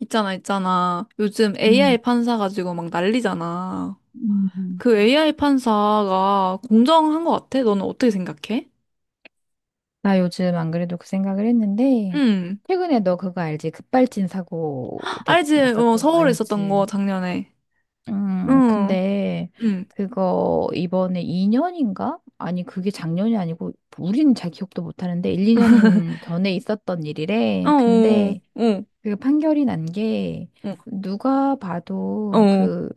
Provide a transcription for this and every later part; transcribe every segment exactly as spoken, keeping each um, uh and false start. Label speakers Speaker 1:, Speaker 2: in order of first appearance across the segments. Speaker 1: 있잖아, 있잖아. 요즘 에이아이
Speaker 2: 음,
Speaker 1: 판사 가지고 막 난리잖아.
Speaker 2: 음, 음.
Speaker 1: 그 에이아이 판사가 공정한 것 같아? 너는 어떻게 생각해?
Speaker 2: 나 요즘 안 그래도 그 생각을 했는데,
Speaker 1: 응.
Speaker 2: 최근에 너 그거 알지? 급발진 사고 됐,
Speaker 1: 알지? 어,
Speaker 2: 났었던 거
Speaker 1: 서울에 있었던 거
Speaker 2: 알지?
Speaker 1: 작년에.
Speaker 2: 음,
Speaker 1: 응.
Speaker 2: 근데
Speaker 1: 응.
Speaker 2: 그거 이번에 이 년인가? 아니, 그게 작년이 아니고, 우리는 잘 기억도 못 하는데, 일, 이 년 전에 있었던
Speaker 1: 어,
Speaker 2: 일이래.
Speaker 1: 어,
Speaker 2: 근데
Speaker 1: 어,
Speaker 2: 그 판결이 난 게
Speaker 1: 어,
Speaker 2: 누가 봐도
Speaker 1: 어,
Speaker 2: 그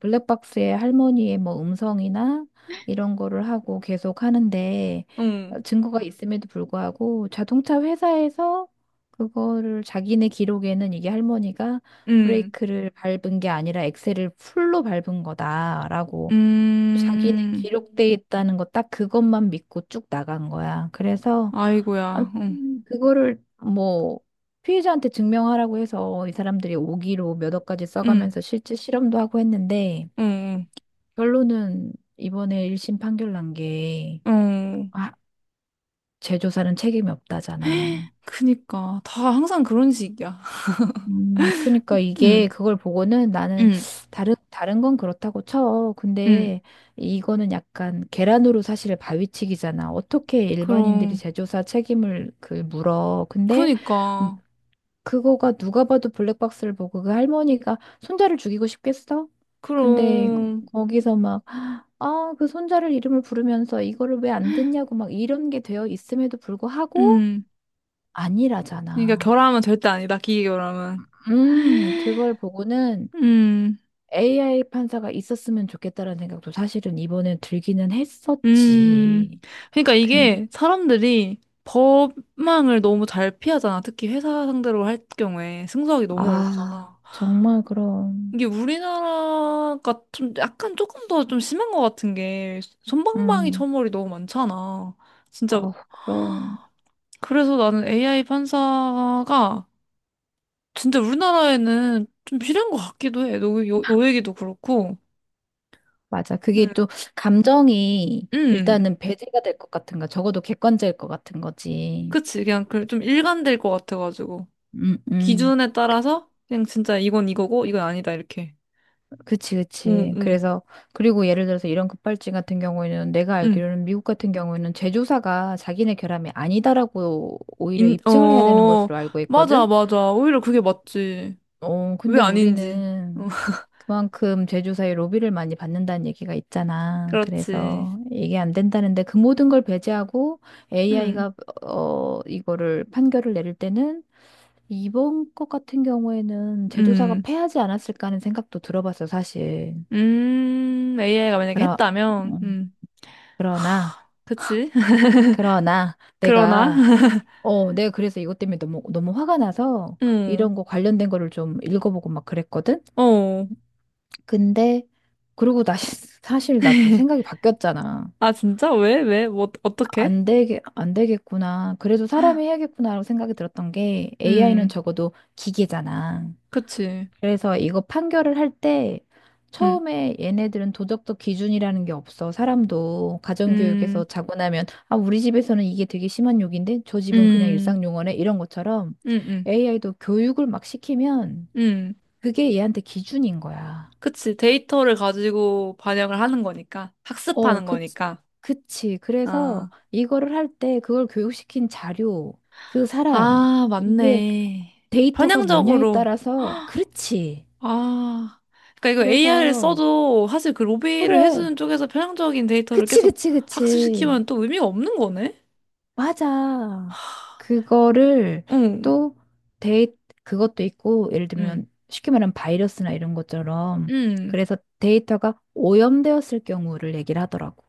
Speaker 2: 블랙박스의 할머니의 뭐 음성이나 이런 거를 하고 계속 하는데,
Speaker 1: 응,
Speaker 2: 증거가 있음에도 불구하고 자동차 회사에서 그거를, 자기네 기록에는 이게 할머니가
Speaker 1: 응,
Speaker 2: 브레이크를 밟은 게 아니라 엑셀을 풀로 밟은 거다라고 자기네
Speaker 1: 음,
Speaker 2: 기록돼 있다는 거 딱 그것만 믿고 쭉 나간 거야. 그래서 아,
Speaker 1: 아이고야, 응,
Speaker 2: 음, 그거를 뭐 피해자한테 증명하라고 해서 이 사람들이 오기로 몇 억까지
Speaker 1: 응,
Speaker 2: 써가면서 실제 실험도 하고 했는데,
Speaker 1: 응,
Speaker 2: 결론은 이번에 일 심 판결 난 게
Speaker 1: 응, 응.
Speaker 2: 아, 재조사는 책임이 없다잖아.
Speaker 1: 그니까, 다 항상 그런 식이야.
Speaker 2: 음, 그러니까
Speaker 1: 응,
Speaker 2: 이게 그걸 보고는 나는
Speaker 1: 응,
Speaker 2: 다른 다른 건 그렇다고 쳐.
Speaker 1: 응.
Speaker 2: 근데 이거는 약간 계란으로 사실 바위치기잖아. 어떻게 일반인들이
Speaker 1: 그럼,
Speaker 2: 제조사 책임을 그 물어. 근데 음,
Speaker 1: 그니까.
Speaker 2: 그거가 누가 봐도 블랙박스를 보고 그 할머니가 손자를 죽이고 싶겠어? 근데 거-
Speaker 1: 그럼,
Speaker 2: 거기서 막 아, 그 손자를 이름을 부르면서 이거를 왜 안 듣냐고 막 이런 게 되어 있음에도 불구하고
Speaker 1: 음. 그러니까
Speaker 2: 아니라잖아.
Speaker 1: 결함은 절대 아니다, 기계 결함은.
Speaker 2: 음, 그걸 보고는
Speaker 1: 음,
Speaker 2: 에이아이 판사가 있었으면 좋겠다라는 생각도 사실은 이번에 들기는
Speaker 1: 음.
Speaker 2: 했었지.
Speaker 1: 그러니까 이게
Speaker 2: 근,
Speaker 1: 사람들이 법망을 너무 잘 피하잖아. 특히 회사 상대로 할 경우에 승소하기 너무
Speaker 2: 아,
Speaker 1: 어렵잖아.
Speaker 2: 정말 그럼,
Speaker 1: 이게 우리나라가 좀 약간 조금 더 좀 심한 것 같은 게 손방망이
Speaker 2: 음,
Speaker 1: 처벌이 너무 많잖아. 진짜.
Speaker 2: 어, 그럼,
Speaker 1: 그래서 나는 에이아이 판사가 진짜 우리나라에는 좀 필요한 것 같기도 해. 너, 요- 너 얘기도 그렇고.
Speaker 2: 맞아. 그게 또 감정이
Speaker 1: 음,
Speaker 2: 일단은 배제가 될 것 같은 거, 적어도 객관적일 것 같은 거지.
Speaker 1: 그치. 그냥 그 좀 일관될 것 같아가지고.
Speaker 2: 음, 음.
Speaker 1: 기준에 따라서 그냥 진짜 이건 이거고 이건 아니다 이렇게.
Speaker 2: 그치,
Speaker 1: 응,
Speaker 2: 그치.
Speaker 1: 응,
Speaker 2: 그래서, 그리고 예를 들어서 이런 급발진 같은 경우에는 내가
Speaker 1: 응.
Speaker 2: 알기로는 미국 같은 경우에는 제조사가 자기네 결함이 아니다라고 오히려
Speaker 1: 인,
Speaker 2: 입증을 해야 되는
Speaker 1: 어,
Speaker 2: 것으로 알고
Speaker 1: 맞아,
Speaker 2: 있거든.
Speaker 1: 맞아. 오히려 그게 맞지.
Speaker 2: 어,
Speaker 1: 왜
Speaker 2: 근데
Speaker 1: 아닌지. 어,
Speaker 2: 우리는 그만큼 제조사의 로비를 많이 받는다는 얘기가 있잖아.
Speaker 1: 그렇지.
Speaker 2: 그래서 이게 안 된다는데, 그 모든 걸 배제하고
Speaker 1: 응,
Speaker 2: 에이아이가 어, 이거를 판결을 내릴 때는, 이번 것 같은 경우에는 제조사가
Speaker 1: 응.
Speaker 2: 패하지 않았을까 하는 생각도 들어봤어, 사실.
Speaker 1: 음, 에이아이가 만약에
Speaker 2: 그러,
Speaker 1: 했다면,
Speaker 2: 음,
Speaker 1: 음,
Speaker 2: 그러나,
Speaker 1: 그치.
Speaker 2: 그러나
Speaker 1: 그러나,
Speaker 2: 내가, 어, 내가 그래서 이것 때문에 너무, 너무 화가 나서
Speaker 1: 응,
Speaker 2: 이런 거 관련된 거를 좀 읽어보고 막 그랬거든?
Speaker 1: 어.
Speaker 2: 근데 그리고 나 사실 나도 생각이 바뀌었잖아.
Speaker 1: 아, 진짜? 왜? 왜? 뭐, 어떻게?
Speaker 2: 안 되게 안 되겠구나. 그래도 사람이 해야겠구나라고 생각이 들었던 게, 에이아이는
Speaker 1: 음,
Speaker 2: 적어도 기계잖아.
Speaker 1: 그치.
Speaker 2: 그래서 이거 판결을 할 때,
Speaker 1: 음,
Speaker 2: 처음에 얘네들은 도덕적 기준이라는 게 없어. 사람도 가정교육에서
Speaker 1: 음.
Speaker 2: 자고 나면 아 우리 집에서는 이게 되게 심한 욕인데 저 집은 그냥
Speaker 1: 음,
Speaker 2: 일상 용어네 이런 것처럼,
Speaker 1: 응, 응,
Speaker 2: 에이아이도 교육을 막 시키면
Speaker 1: 응.
Speaker 2: 그게 얘한테 기준인 거야.
Speaker 1: 그치. 데이터를 가지고 반영을 하는 거니까.
Speaker 2: 어,
Speaker 1: 학습하는
Speaker 2: 그,
Speaker 1: 거니까.
Speaker 2: 그치. 그래서
Speaker 1: 아,
Speaker 2: 이거를 할 때 그걸 교육시킨 자료, 그 사람,
Speaker 1: 아,
Speaker 2: 이게
Speaker 1: 맞네.
Speaker 2: 데이터가 뭐냐에
Speaker 1: 편향적으로.
Speaker 2: 따라서, 그렇지.
Speaker 1: 아, 그러니까 이거 에이아이를
Speaker 2: 그래서,
Speaker 1: 써도 사실 그 로비를
Speaker 2: 그래.
Speaker 1: 해주는 쪽에서 편향적인 데이터를
Speaker 2: 그치,
Speaker 1: 계속
Speaker 2: 그치, 그치.
Speaker 1: 학습시키면 또 의미가 없는 거네?
Speaker 2: 맞아. 그거를
Speaker 1: 응,
Speaker 2: 또 데이, 그것도 있고, 예를
Speaker 1: 응,
Speaker 2: 들면 쉽게 말하면 바이러스나 이런 것처럼,
Speaker 1: 응.
Speaker 2: 그래서 데이터가 오염되었을 경우를 얘기를 하더라고.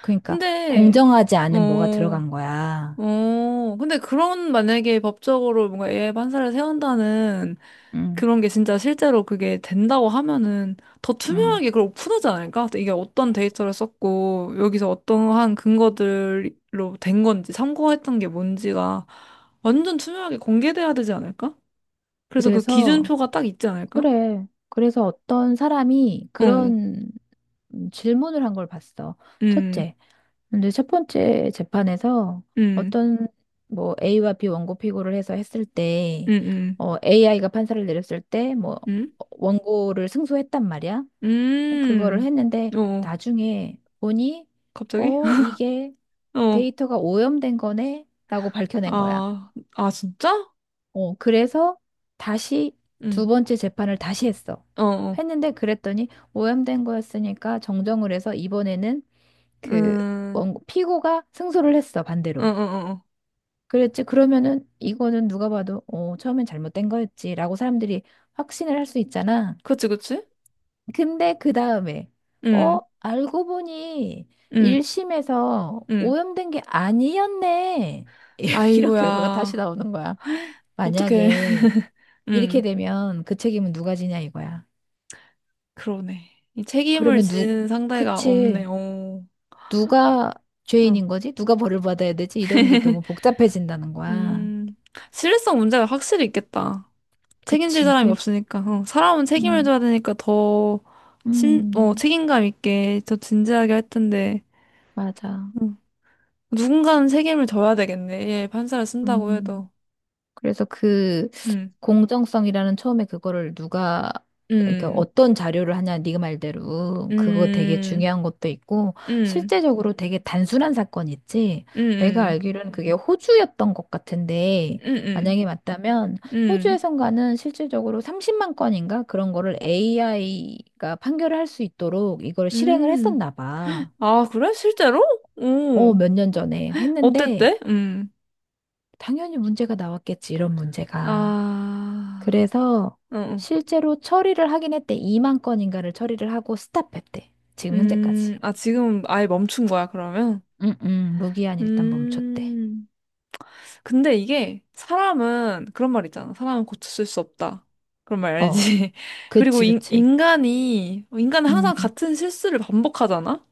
Speaker 2: 그러니까
Speaker 1: 근데,
Speaker 2: 공정하지 않은 뭐가
Speaker 1: 어,
Speaker 2: 들어간 거야.
Speaker 1: 어, 근데 그런 만약에 법적으로 뭔가 에이아이 판사를 세운다는
Speaker 2: 음.
Speaker 1: 그런 게 진짜 실제로 그게 된다고 하면은 더
Speaker 2: 음.
Speaker 1: 투명하게 그걸 오픈하지 않을까? 이게 어떤 데이터를 썼고 여기서 어떠한 근거들로 된 건지 참고했던 게 뭔지가 완전 투명하게 공개돼야 되지 않을까? 그래서 그
Speaker 2: 그래서,
Speaker 1: 기준표가 딱 있지 않을까?
Speaker 2: 그래. 그래서 어떤 사람이
Speaker 1: 어, 음,
Speaker 2: 그런 음, 질문을 한 걸 봤어.
Speaker 1: 음,
Speaker 2: 첫째. 근데 첫 번째 재판에서
Speaker 1: 음,
Speaker 2: 어떤 뭐 A와 B 원고 피고를 해서 했을 때,
Speaker 1: 음,
Speaker 2: 어, 에이아이가 판사를 내렸을 때, 뭐,
Speaker 1: 음,
Speaker 2: 원고를 승소했단 말이야. 그거를 했는데,
Speaker 1: 음, 어,
Speaker 2: 나중에 보니,
Speaker 1: 갑자기?
Speaker 2: 어, 이게
Speaker 1: 어,
Speaker 2: 데이터가 오염된 거네? 라고 밝혀낸 거야.
Speaker 1: 아, 아, 진짜?
Speaker 2: 어, 그래서 다시
Speaker 1: 응,
Speaker 2: 두 번째 재판을 다시 했어.
Speaker 1: 어, 어,
Speaker 2: 했는데 그랬더니 오염된 거였으니까 정정을 해서 이번에는 그
Speaker 1: 음,
Speaker 2: 원- 피고가 승소를 했어,
Speaker 1: 어, 어,
Speaker 2: 반대로.
Speaker 1: 어, 어.
Speaker 2: 그랬지. 그러면은 이거는 누가 봐도 어, 처음엔 잘못된 거였지라고 사람들이 확신을 할 수 있잖아.
Speaker 1: 그치, 그치?
Speaker 2: 근데 그 다음에
Speaker 1: 응,
Speaker 2: 어, 알고 보니
Speaker 1: 응,
Speaker 2: 일 심에서
Speaker 1: 응.
Speaker 2: 오염된 게 아니었네. 이런 결과가
Speaker 1: 아이고야.
Speaker 2: 다시 나오는 거야.
Speaker 1: 어떡해.
Speaker 2: 만약에 이렇게
Speaker 1: 응,
Speaker 2: 되면 그 책임은 누가 지냐 이거야.
Speaker 1: 그러네. 이 책임을
Speaker 2: 그러면 누,
Speaker 1: 지는 상대가 없네.
Speaker 2: 그치.
Speaker 1: 오.
Speaker 2: 누가
Speaker 1: 응.
Speaker 2: 죄인인 거지? 누가 벌을 받아야 되지? 이런 게 너무 복잡해진다는 거야.
Speaker 1: 음, 신뢰성 문제가 확실히 있겠다. 책임질
Speaker 2: 그치.
Speaker 1: 사람이
Speaker 2: 그,
Speaker 1: 없으니까. 어, 사람은 책임을
Speaker 2: 음,
Speaker 1: 져야 되니까 더 심, 어,
Speaker 2: 음,
Speaker 1: 책임감 있게 더 진지하게 할 텐데.
Speaker 2: 맞아.
Speaker 1: 응. 누군가는 책임을 져야 되겠네. 예, 판사를 쓴다고
Speaker 2: 음,
Speaker 1: 해도.
Speaker 2: 그래서 그,
Speaker 1: 음,
Speaker 2: 공정성이라는, 처음에 그거를 누가, 그러니까
Speaker 1: 음,
Speaker 2: 어떤 자료를 하냐, 네가 말대로 그거 되게
Speaker 1: 음,
Speaker 2: 중요한 것도 있고,
Speaker 1: 음,
Speaker 2: 실제적으로 되게 단순한 사건 있지. 내가
Speaker 1: 음,
Speaker 2: 알기로는 그게 호주였던 것 같은데,
Speaker 1: 음, 음,
Speaker 2: 만약에 맞다면,
Speaker 1: 음, 음.
Speaker 2: 호주에선가는 실질적으로 삼십만 건인가 그런 거를 에이아이가 판결을 할 수 있도록 이걸 실행을
Speaker 1: 음.
Speaker 2: 했었나 봐.
Speaker 1: 아, 그래? 실제로?
Speaker 2: 어,
Speaker 1: 오,
Speaker 2: 몇 년 전에 했는데
Speaker 1: 어땠대? 음.
Speaker 2: 당연히 문제가 나왔겠지, 이런 문제가.
Speaker 1: 아,
Speaker 2: 그래서
Speaker 1: 어, 어.
Speaker 2: 실제로 처리를 하긴 했대. 이만 건인가를 처리를 하고 스탑했대. 지금 현재까지.
Speaker 1: 음, 아, 지금 아예 멈춘 거야, 그러면?
Speaker 2: 응, 응, 무기한 일단 멈췄대.
Speaker 1: 음. 근데 이게 사람은 그런 말 있잖아. 사람은 고칠 수 없다. 그런 말
Speaker 2: 어,
Speaker 1: 알지? 그리고
Speaker 2: 그치,
Speaker 1: 인,
Speaker 2: 그치.
Speaker 1: 인간이, 인간은 항상
Speaker 2: 음,
Speaker 1: 같은 실수를 반복하잖아?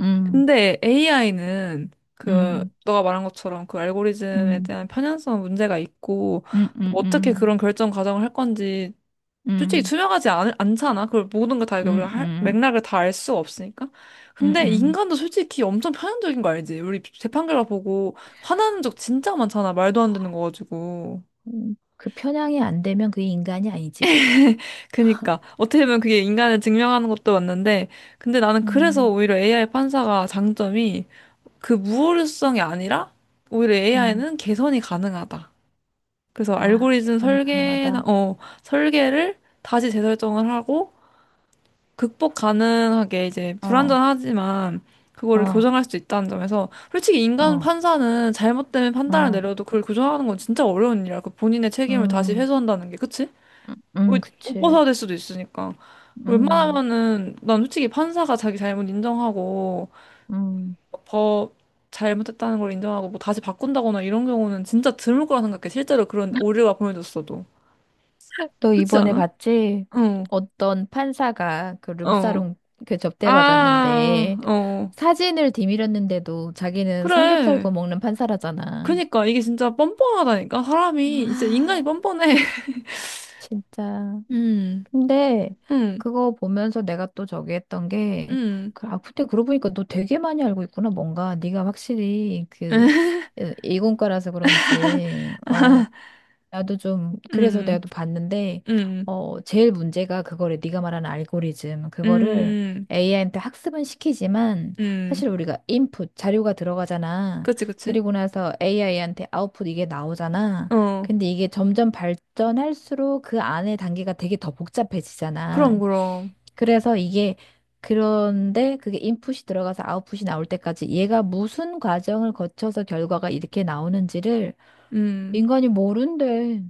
Speaker 2: 음,
Speaker 1: 근데 에이아이는 그,
Speaker 2: 음,
Speaker 1: 너가 말한 것처럼 그 알고리즘에
Speaker 2: 음,
Speaker 1: 대한 편향성 문제가 있고,
Speaker 2: 음, 음,
Speaker 1: 뭐 어떻게
Speaker 2: 음,
Speaker 1: 그런 결정 과정을 할 건지 솔직히
Speaker 2: 음,
Speaker 1: 투명하지 않, 않잖아. 그걸 모든 걸 다, 이거 우리가
Speaker 2: 음,
Speaker 1: 할-
Speaker 2: 음,
Speaker 1: 맥락을 다 알 수 없으니까.
Speaker 2: 음,
Speaker 1: 근데
Speaker 2: 음.
Speaker 1: 인간도 솔직히 엄청 편향적인 거 알지? 우리 재판결과 보고 화나는 적 진짜 많잖아. 말도 안 되는 거 가지고.
Speaker 2: 음, 그 편향이 안 되면 그게 인간이 아니지, 그게.
Speaker 1: 그니까. 어떻게 보면 그게 인간을 증명하는 것도 맞는데, 근데 나는 그래서
Speaker 2: 음,
Speaker 1: 오히려 에이아이 판사가 장점이 그 무오류성이 아니라 오히려
Speaker 2: 음.
Speaker 1: 에이아이는 개선이 가능하다. 그래서
Speaker 2: 아,
Speaker 1: 알고리즘
Speaker 2: 계산이
Speaker 1: 설계나,
Speaker 2: 가능하다.
Speaker 1: 어, 설계를 다시 재설정을 하고, 극복 가능하게 이제
Speaker 2: 어,
Speaker 1: 불완전하지만 그거를
Speaker 2: 어,
Speaker 1: 교정할 수 있다는 점에서 솔직히 인간
Speaker 2: 어,
Speaker 1: 판사는 잘못 때문에 판단을
Speaker 2: 어,
Speaker 1: 내려도 그걸 교정하는 건 진짜 어려운 일이야. 그 본인의 책임을 다시
Speaker 2: 음,
Speaker 1: 회수한다는 게 그치?
Speaker 2: 음, 음,
Speaker 1: 옷, 옷
Speaker 2: 그치.
Speaker 1: 벗어야 될 수도 있으니까.
Speaker 2: 음,
Speaker 1: 웬만하면은 난 솔직히 판사가 자기 잘못 인정하고
Speaker 2: 음.
Speaker 1: 법 잘못했다는 걸 인정하고 뭐 다시 바꾼다거나 이런 경우는 진짜 드물 거라 생각해. 실제로 그런 오류가 보여졌어도.
Speaker 2: 너
Speaker 1: 그렇지
Speaker 2: 이번에
Speaker 1: 않아?
Speaker 2: 봤지?
Speaker 1: 어,
Speaker 2: 어떤 판사가 그
Speaker 1: 어.
Speaker 2: 룸사롱 그
Speaker 1: 아,
Speaker 2: 접대받았는데
Speaker 1: 어.
Speaker 2: 사진을 뒤밀었는데도 자기는 삼겹살
Speaker 1: 그래.
Speaker 2: 구워 먹는 판사라잖아.
Speaker 1: 그니까 이게 진짜 뻔뻔하다니까 사람이 진짜 인간이
Speaker 2: 아,
Speaker 1: 뻔뻔해.
Speaker 2: 진짜.
Speaker 1: 음,
Speaker 2: 근데
Speaker 1: 음,
Speaker 2: 그거 보면서 내가 또 저기 했던 게,
Speaker 1: 음,
Speaker 2: 그- 아, 근데 그러고 보니까 너 되게 많이 알고 있구나. 뭔가 네가 확실히 그 이공과라서 그런지, 어 나도 좀 그래서 가
Speaker 1: 음,
Speaker 2: 도 봤는데,
Speaker 1: 음,
Speaker 2: 어 제일 문제가 그거를 네가 말하는 알고리즘, 그거를
Speaker 1: 음,
Speaker 2: 에이아이한테 학습은 시키지만,
Speaker 1: 음.
Speaker 2: 사실 우리가 인풋 자료가 들어가잖아.
Speaker 1: 그치, 그치.
Speaker 2: 그리고 나서 에이아이한테 아웃풋 이게 나오잖아.
Speaker 1: 어,
Speaker 2: 근데 이게 점점 발전할수록 그 안에 단계가 되게 더 복잡해지잖아.
Speaker 1: 그럼, 그럼.
Speaker 2: 그래서 이게, 그런데 그게 인풋이 들어가서 아웃풋이 나올 때까지 얘가 무슨 과정을 거쳐서 결과가 이렇게 나오는지를
Speaker 1: 음,
Speaker 2: 인간이 모른대.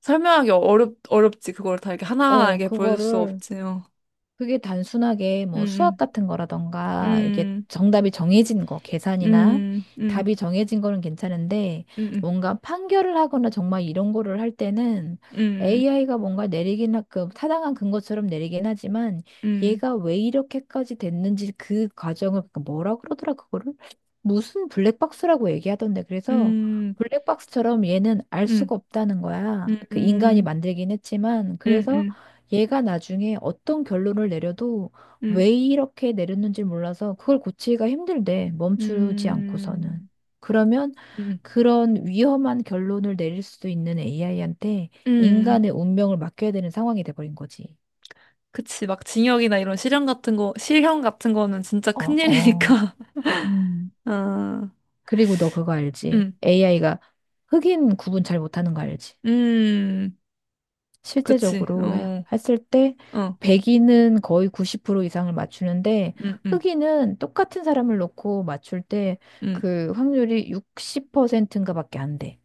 Speaker 1: 설명하기 어렵, 어렵지. 그걸 다 이렇게 하나하나
Speaker 2: 어,
Speaker 1: 이렇게 보여줄 수
Speaker 2: 그거를,
Speaker 1: 없지. 어.
Speaker 2: 그게 단순하게 뭐 수학
Speaker 1: 음,
Speaker 2: 같은 거라던가, 이게
Speaker 1: 음,
Speaker 2: 정답이 정해진 거, 계산이나
Speaker 1: 음, 음,
Speaker 2: 답이 정해진 거는 괜찮은데,
Speaker 1: 음,
Speaker 2: 뭔가 판결을 하거나 정말 이런 거를 할 때는
Speaker 1: 음,
Speaker 2: 에이아이가 뭔가 내리긴, 하- 그 타당한 근거처럼 내리긴 하지만,
Speaker 1: 음,
Speaker 2: 얘가 왜 이렇게까지 됐는지 그 과정을, 그 뭐라 그러더라, 그거를? 무슨 블랙박스라고 얘기하던데, 그래서,
Speaker 1: 음,
Speaker 2: 블랙박스처럼 얘는 알
Speaker 1: 음,
Speaker 2: 수가 없다는 거야.
Speaker 1: 음,
Speaker 2: 그 인간이
Speaker 1: 음,
Speaker 2: 만들긴 했지만,
Speaker 1: 음,
Speaker 2: 그래서
Speaker 1: 음,
Speaker 2: 얘가 나중에 어떤 결론을 내려도
Speaker 1: 음,
Speaker 2: 왜 이렇게 내렸는지 몰라서 그걸 고치기가 힘들대. 멈추지 않고서는.
Speaker 1: 음,
Speaker 2: 그러면
Speaker 1: 음, 음,
Speaker 2: 그런 위험한 결론을 내릴 수도 있는 에이아이한테
Speaker 1: 음,
Speaker 2: 인간의 운명을 맡겨야 되는 상황이 돼버린 거지.
Speaker 1: 그치, 막 징역이나 이런 실형 같은 거, 실형 같은 거는 진짜
Speaker 2: 어, 어.
Speaker 1: 큰일이니까.
Speaker 2: 음.
Speaker 1: 아,
Speaker 2: 그리고 너 그거 알지?
Speaker 1: 음,
Speaker 2: 에이아이가 흑인 구분 잘 못하는 거 알지?
Speaker 1: 음, 그치,
Speaker 2: 실제적으로 해-
Speaker 1: 어,
Speaker 2: 했을 때
Speaker 1: 어,
Speaker 2: 백인은 거의 구십 프로 이상을 맞추는데,
Speaker 1: 음, 음,
Speaker 2: 흑인은 똑같은 사람을 놓고 맞출 때
Speaker 1: 음.
Speaker 2: 그 확률이 육십 퍼센트인가 밖에 안 돼.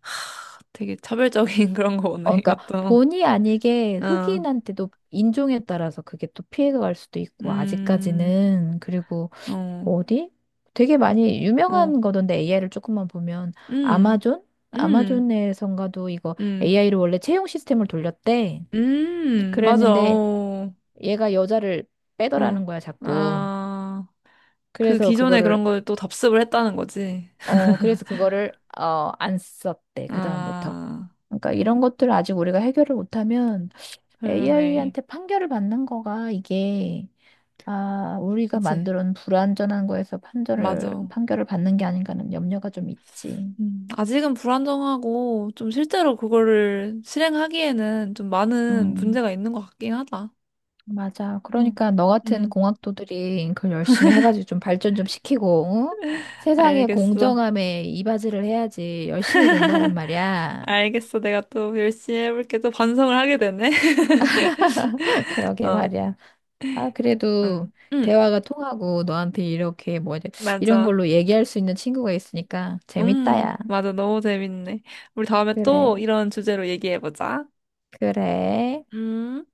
Speaker 1: 하, 되게 차별적인 그런 거 오네,
Speaker 2: 어, 그러니까
Speaker 1: 이것도.
Speaker 2: 본의 아니게
Speaker 1: 어,
Speaker 2: 흑인한테도 인종에 따라서 그게 또 피해가 갈 수도 있고,
Speaker 1: 음,
Speaker 2: 아직까지는. 그리고
Speaker 1: 어,
Speaker 2: 뭐 어디? 되게 많이
Speaker 1: 어,
Speaker 2: 유명한 거던데 에이아이를 조금만 보면,
Speaker 1: 음,
Speaker 2: 아마존?
Speaker 1: 음,
Speaker 2: 아마존에선가도 이거
Speaker 1: 음,
Speaker 2: 에이아이로 원래 채용 시스템을 돌렸대.
Speaker 1: 음, 맞아,
Speaker 2: 그랬는데
Speaker 1: 어,
Speaker 2: 얘가 여자를
Speaker 1: 응.
Speaker 2: 빼더라는 거야, 자꾸.
Speaker 1: 아, 그
Speaker 2: 그래서
Speaker 1: 기존에
Speaker 2: 그거를,
Speaker 1: 그런 걸 또 답습을 했다는 거지.
Speaker 2: 어, 그래서 그거를, 어, 안 썼대, 그다음부터.
Speaker 1: 아,
Speaker 2: 그러니까 이런 것들을 아직 우리가 해결을 못하면
Speaker 1: 그러네.
Speaker 2: 에이아이한테 판결을 받는 거가 이게, 아, 우리가
Speaker 1: 그치,
Speaker 2: 만들어 놓은 불완전한 거에서 판결을,
Speaker 1: 맞아.
Speaker 2: 판결을 받는 게 아닌가 하는 염려가 좀 있지.
Speaker 1: 음, 아직은 불안정하고 좀 실제로 그거를 실행하기에는 좀 많은
Speaker 2: 음.
Speaker 1: 문제가 있는 것 같긴 하다.
Speaker 2: 맞아.
Speaker 1: 어.
Speaker 2: 그러니까 너 같은
Speaker 1: 음,
Speaker 2: 공학도들이 그걸 열심히 해가지고 좀 발전 좀 시키고, 응? 세상의
Speaker 1: 알겠어.
Speaker 2: 공정함에 이바지를 해야지. 열심히 공부하란 말이야.
Speaker 1: 알겠어. 내가 또 열심히 해볼게. 또 반성을 하게 되네.
Speaker 2: 그러게
Speaker 1: 어,
Speaker 2: 말이야. 아, 그래도
Speaker 1: 음, 음,
Speaker 2: 대화가 통하고 너한테 이렇게 뭐 이제 이런
Speaker 1: 맞아.
Speaker 2: 걸로 얘기할 수 있는 친구가 있으니까
Speaker 1: 음,
Speaker 2: 재밌다야.
Speaker 1: 맞아. 너무 재밌네. 우리 다음에
Speaker 2: 그래,
Speaker 1: 또 이런 주제로 얘기해보자.
Speaker 2: 그래.
Speaker 1: 음.